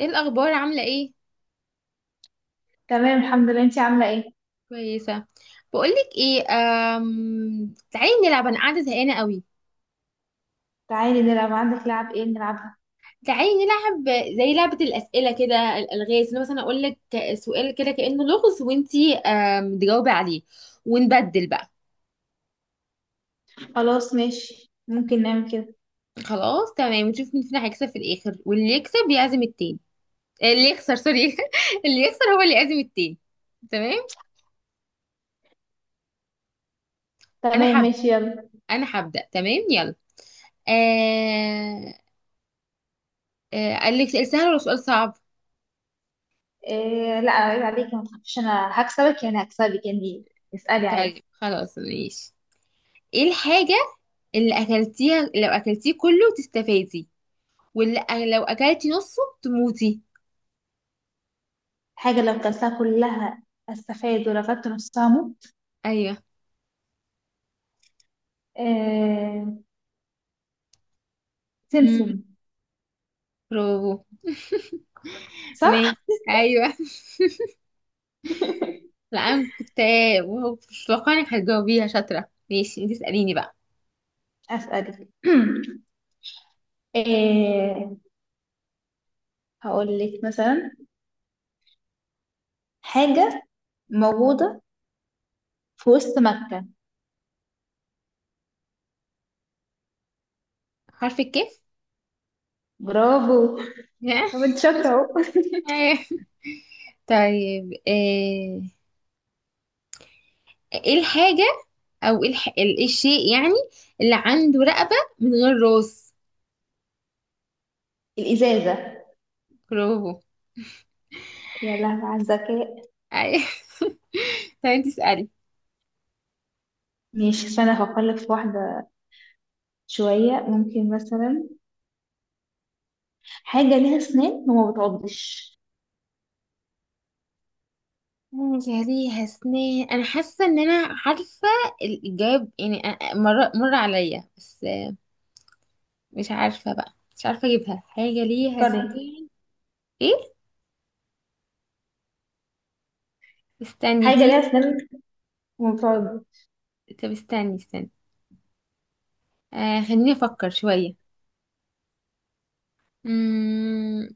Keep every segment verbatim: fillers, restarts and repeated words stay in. ايه الاخبار، عامله ايه؟ تمام، الحمد لله. انتي عاملة ايه؟ كويسه. بقولك ايه، أم... تعالي نلعب، انا قاعده زهقانه قوي. تعالي نلعب. عندك لعب ايه نلعبها؟ تعالي نلعب زي لعبه الاسئله كده، الالغاز، إن مثلا اقول لك سؤال كده كانه لغز، وانتي أم... تجاوبي عليه، ونبدل بقى. خلاص ماشي، ممكن نعمل كده. خلاص تمام، ونشوف مين فينا هيكسب في الاخر، واللي يكسب يعزم التاني. آه، اللي يخسر سوري. اللي يخسر هو اللي يعزم التاني. تمام. انا تمام حب. ماشي، يلا. انا هبدا، تمام يلا. آه... آه... قال لك سؤال سهل ولا سؤال صعب؟ إيه، لا عيب عليكي، ما تخافيش. انا هكسبك يعني هكسبك يعني. اسألي عادي. طيب خلاص ماشي. ايه الحاجة اللي اكلتيها لو اكلتيه كله تستفادي، واللي أ- لو اكلتي نصه تموتي؟ حاجة لو كلتها كلها استفاد، ولو كلت نصها موت. ايوه. إيه؟ مم. سمسم. برافو. ماشي. صح. ايوه. لا انا كنت. مش متوقعة انك هتجاوبيها، شاطرة. ماشي، انت اسأليني بقى. اسألك. إيه، هقول لك مثلا حاجة موجودة في وسط مكة. حرف الكاف. برافو. طب انت شاطرة اهو. أيوة. طيب، آه، ايه الحاجة، او ايه الح... ال- إيه الشيء يعني اللي عنده رقبة من غير راس؟ الإزازة. برافو. يا لهوي على الذكاء. ايوه. طيب انت اسألي. ماشي، استنى افكر لك في واحدة. شوية. ممكن مثلا حاجة ليها اسنان وما بتعضش. مم، يا ليها سنان، انا حاسه ان انا عارفه الاجابه يعني، أ- أ- مر مر عليا بس مش عارفه بقى، مش عارفه اجيبها. حاجه ليها فكري. سنان؟ ايه. استني حاجة دي. ليها اسنان وما بتعضش. طب استني استني، آه خليني افكر شويه. امم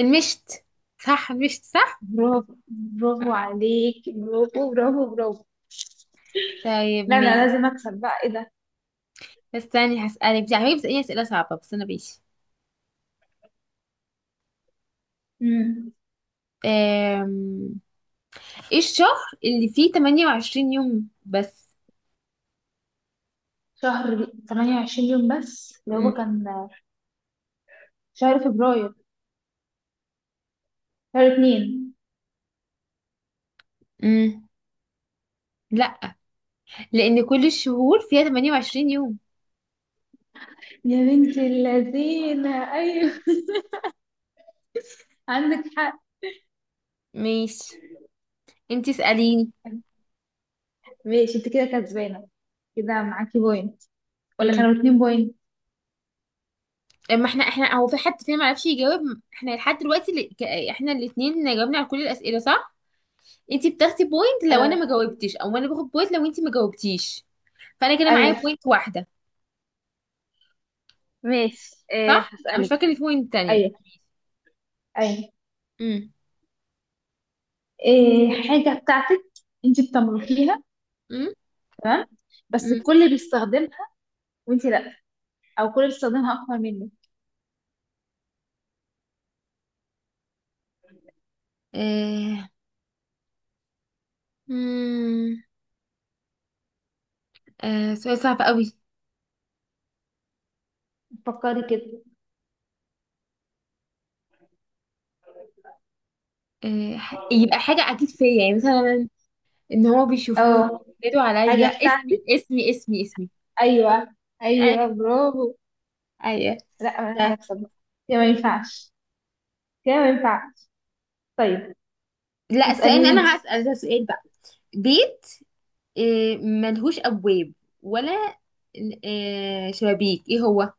المشت. صح، مشت صح. برافو، برافو آه، عليك، برافو برافو برافو. طيب لا، انا لازم ماشي. اكسب بقى، ايه ده. بس استني، هسألك. دي عمالة بتسأليني أسئلة صعبة، بس أنا ماشي. امم آم، ايه الشهر اللي فيه ثمانية وعشرين يوم بس؟ شهر تمنية وعشرين يوم بس اللي هو مم. كان شهر فبراير، شهر اتنين. مم. لا، لان كل الشهور فيها ثمانية وعشرين يوم. يا بنت اللذينة، ايوه. عندك حق. ماشي، انتي اساليني. ماشي، انت كده كسبانة. كده معاكي بوينت، ولا امم كانوا اتنين بوينت؟ اما احنا احنا هو في حد فينا ما عرفش يجاوب؟ احنا لحد دلوقتي اللي... ك- احنا الاثنين جاوبنا على كل الاسئله صح. انتي بتاخدي بوينت لو انا ما آه. جاوبتش، او انا باخد بوينت لو انتي ما جاوبتيش. فانا كده معايا ايوه. بوينت واحده. ماشي. آه صح، انا مش هسألك. فاكره إن في بوينت تانية. ايوه، ايوه. امم إيه حاجة بتاعتك؟ انت بتملكيها. امم تمام. بس امم الكل بيستخدمها وانت لا، او الكل بيستخدمها اكتر منك. آه. مم. آه، سؤال صعب قوي. فكري كده. آه، ح- يبقى حاجه اكيد فيا، يعني مثلا ان هو بيشوفوني، اه. بينادوا عليا حاجة اسمي بتاعتك، اسمي اسمي اسمي. ايوه. ايوه. ايوه، برافو. ايوه. لا، انا عايزة ده. اكسب بقى. كده ما ينفعش، كده ما ينفعش. طيب لا، السؤال اللي اسأليني انت. انا هسأل ده سؤال بقى. بيت، آه، ملهوش ابواب، ولا، آه، شبابيك، ايه هو؟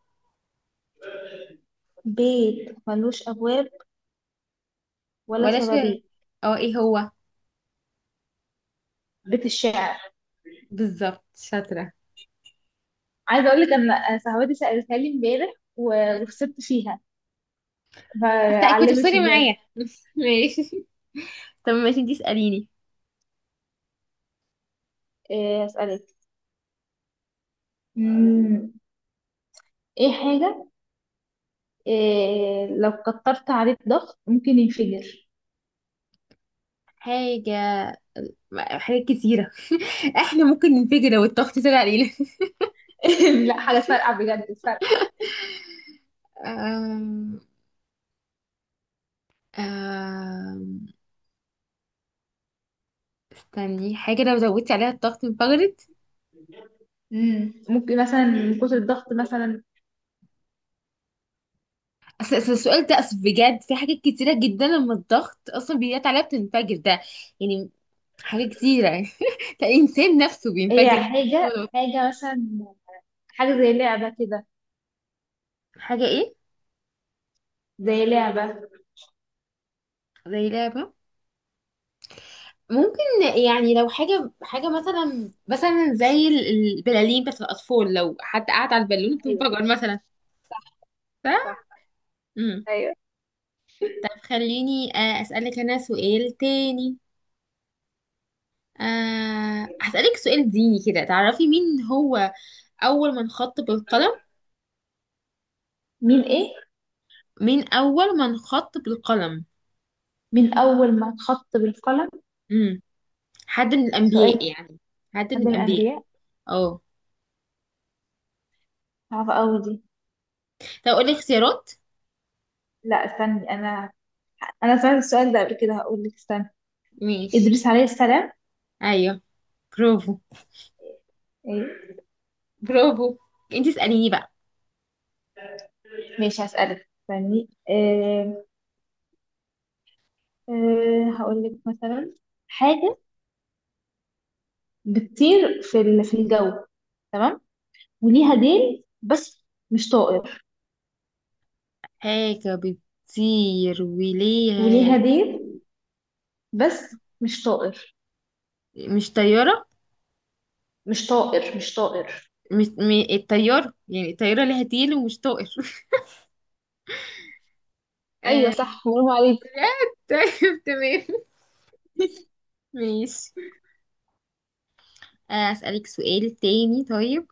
بيت ملوش ابواب ولا ولا ش... شبابيك؟ اه، ايه هو؟ بيت الشعر. بالظبط، شاطرة. عايزه اقول لك ان صاحبتي سالتها لي امبارح و- وخسرت فيها، طب كنت فعلمت في بتسألي دماغي. معايا. ماشي. طب ماشي، انتي اسأليني. إيه، اسالك. مم، ايه حاجه، إيه، لو كترت عليه الضغط ممكن ينفجر. حاجة، حاجات كتيرة. احنا ممكن ننفجر لو الضغط طلع علينا. لا، حاجه فارقه، بجد فارقه. آم، آم، استني، حاجة لو زودتي عليها الضغط انفجرت؟ مم، ممكن مثلا من كتر الضغط مثلا. أصل أصل السؤال ده، أصل بجد في حاجات كتيرة جدا لما الضغط أصلا بيجي عليها بتنفجر، ده يعني حاجة كتيرة يعني. الإنسان نفسه هي بينفجر. حاجه حاجه مثلا، حاجه زي لعبه كده، حاجة إيه؟ زي لعبه. زي لعبة، ممكن. يعني لو حاجة حاجة مثلا مثلا زي ال- البلالين بتاعت الأطفال، لو حد قعد على البالون ايوه بتنفجر مثلا. ف، صح. مم. ايوه. طب خليني، آه، أسألك أنا سؤال تاني. آه، هسألك سؤال ديني كده، تعرفي مين هو أول من خط بالقلم؟ مين؟ ايه؟ مين أول من خط بالقلم؟ من اول ما اتخط بالقلم؟ امم حد من سؤال. الأنبياء يعني. حد من حد من الأنبياء. الانبياء. اه. عارفه قوي دي. طب أقول لك اختيارات؟ لا، استني انا، انا سمعت السؤال ده قبل كده، هقول لك، استنى. ماشي. ادريس عليه السلام. أيوه. برافو. ايه. برافو. انتي اسأليني بقى. ماشي هسألك، استني. إيه، إيه، هقول لك مثلا حاجة بتطير في ال- في الجو، تمام، وليها ديل بس مش طائر. حاجة بتطير وليها، وليها ديل، بس مش طائر. مش طيارة. مش طائر، مش طائر. مش م... الطيارة، يعني الطيارة ليها تيل ومش طائر. ايوه آه... صح، برافو عليك. لا. طيب تمام ماشي. آه، أسألك سؤال تاني طيب.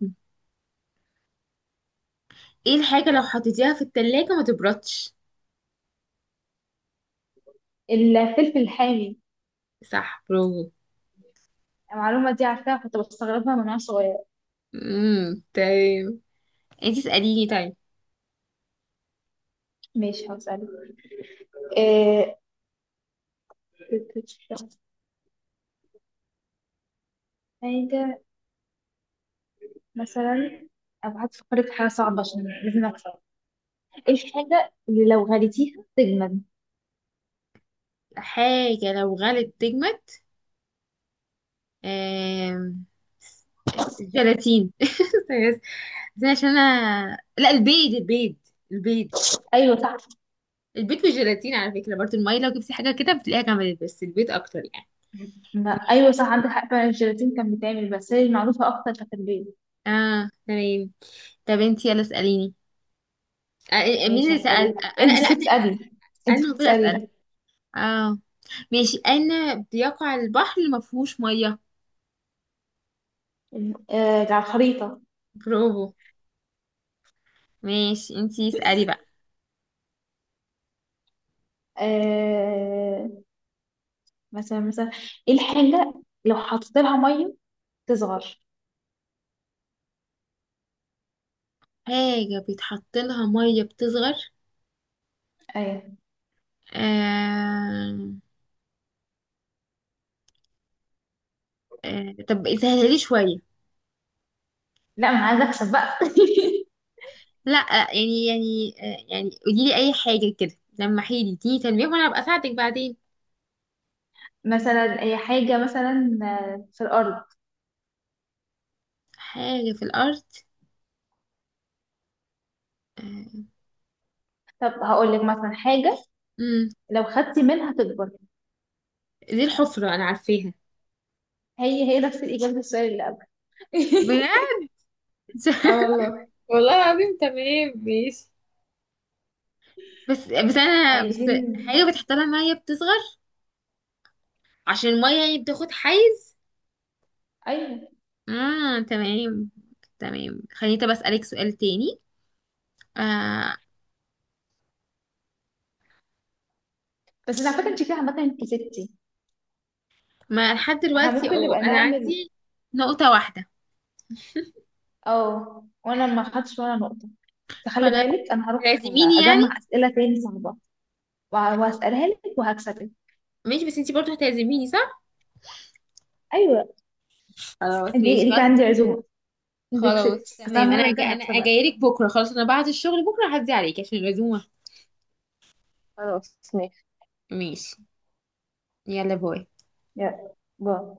ايه الحاجة لو حطيتيها في التلاجة ما تبردش؟ الفلفل الحامي. صح، برافو. المعلومة دي عارفاها، كنت بستغربها من وانا صغير. امم تمام. انتي اسأليني طيب. ماشي هسألك. إيه، حاجة مثلا. ابقى هتفكري في حاجه صعبه عشان لازم اكسب. ايه الحاجه اللي لو غليتيها تجمد؟ حاجة لو غلت تجمد؟ آم... الجيلاتين. بس، بس عشان انا، لا، البيض البيض. البيض. ايوه صح. البيض والجيلاتين على فكرة، برضه المية، لو جبتي حاجة كده بتلاقيها جمدت، بس البيض اكتر يعني. ما ايوه صح، عندك حق فعلا. الجيلاتين كان بيتعمل، بس هي المعروفه اكتر كانت البيض. اه تمام. طب انتي يلا اسأليني. آه، آه، مين ماشي اللي سأل، آه، هسألك. انت انا لا المفروض انا. تسألي، انت انا المفروض المفروض اسأل. تسأليني. اه ماشي. انا بيقع البحر اللي ما فيهوش مية. آه، على الخريطه. برافو. ماشي، انتي اسألي بقى. آه، مثلا مثلا ايه الحاجه لو حطيت لها ميه تصغر؟ حاجة بيتحط لها مية بتصغر؟ ايوه. آه... آه... طب سهلها لي شوية. لا، ما انا عايزه اكسب بقى. لا. يعني يعني، آه، يعني قولي لي اي حاجة كده لما حيلي دي تنبيه، وانا ابقى اساعدك بعدين. مثلا اي حاجه مثلا، آه، في الارض. حاجة في الارض. آه... طب هقول لك مثلا حاجه، مم. لو خدتي منها تكبر. دي الحفرة، انا عارفاها. هي هي نفس الإجابة السؤال اللي قبل. بجد. اه والله. والله العظيم. تمام ماشي. بس بس ع- انا بس، حاجة عايزين. بتحط لها مية بتصغر عشان المية يعني بتاخد حيز. ايوه، آه تمام. تمام، خليني طب أسألك سؤال تاني، آه. بس على فكرة انت كده عامة، انت ستي. ما لحد احنا دلوقتي ممكن اه، نبقى أنا نعمل. عندي نقطة واحدة. اه، وانا ما خدتش ولا نقطة، فخلي خلاص، بالك، انا هروح هتعزميني يعني؟ اجمع اسئلة تاني صعبة وه- وهسألها لك وهكسبك. ماشي، بس انتي برضه هتعزميني، صح؟ ايوه. خلاص انت ماشي ليك خلاص. عندي عزومة. انت خلاص كسبتي بس انا تمام. أنا المرة أجا الجاية أنا هكسبك. جايلك بكرة، خلاص أنا بعد الشغل بكرة هعدي عليك عشان العزومة. خلاص ماشي. ماشي. يلا باي. يلا، باي.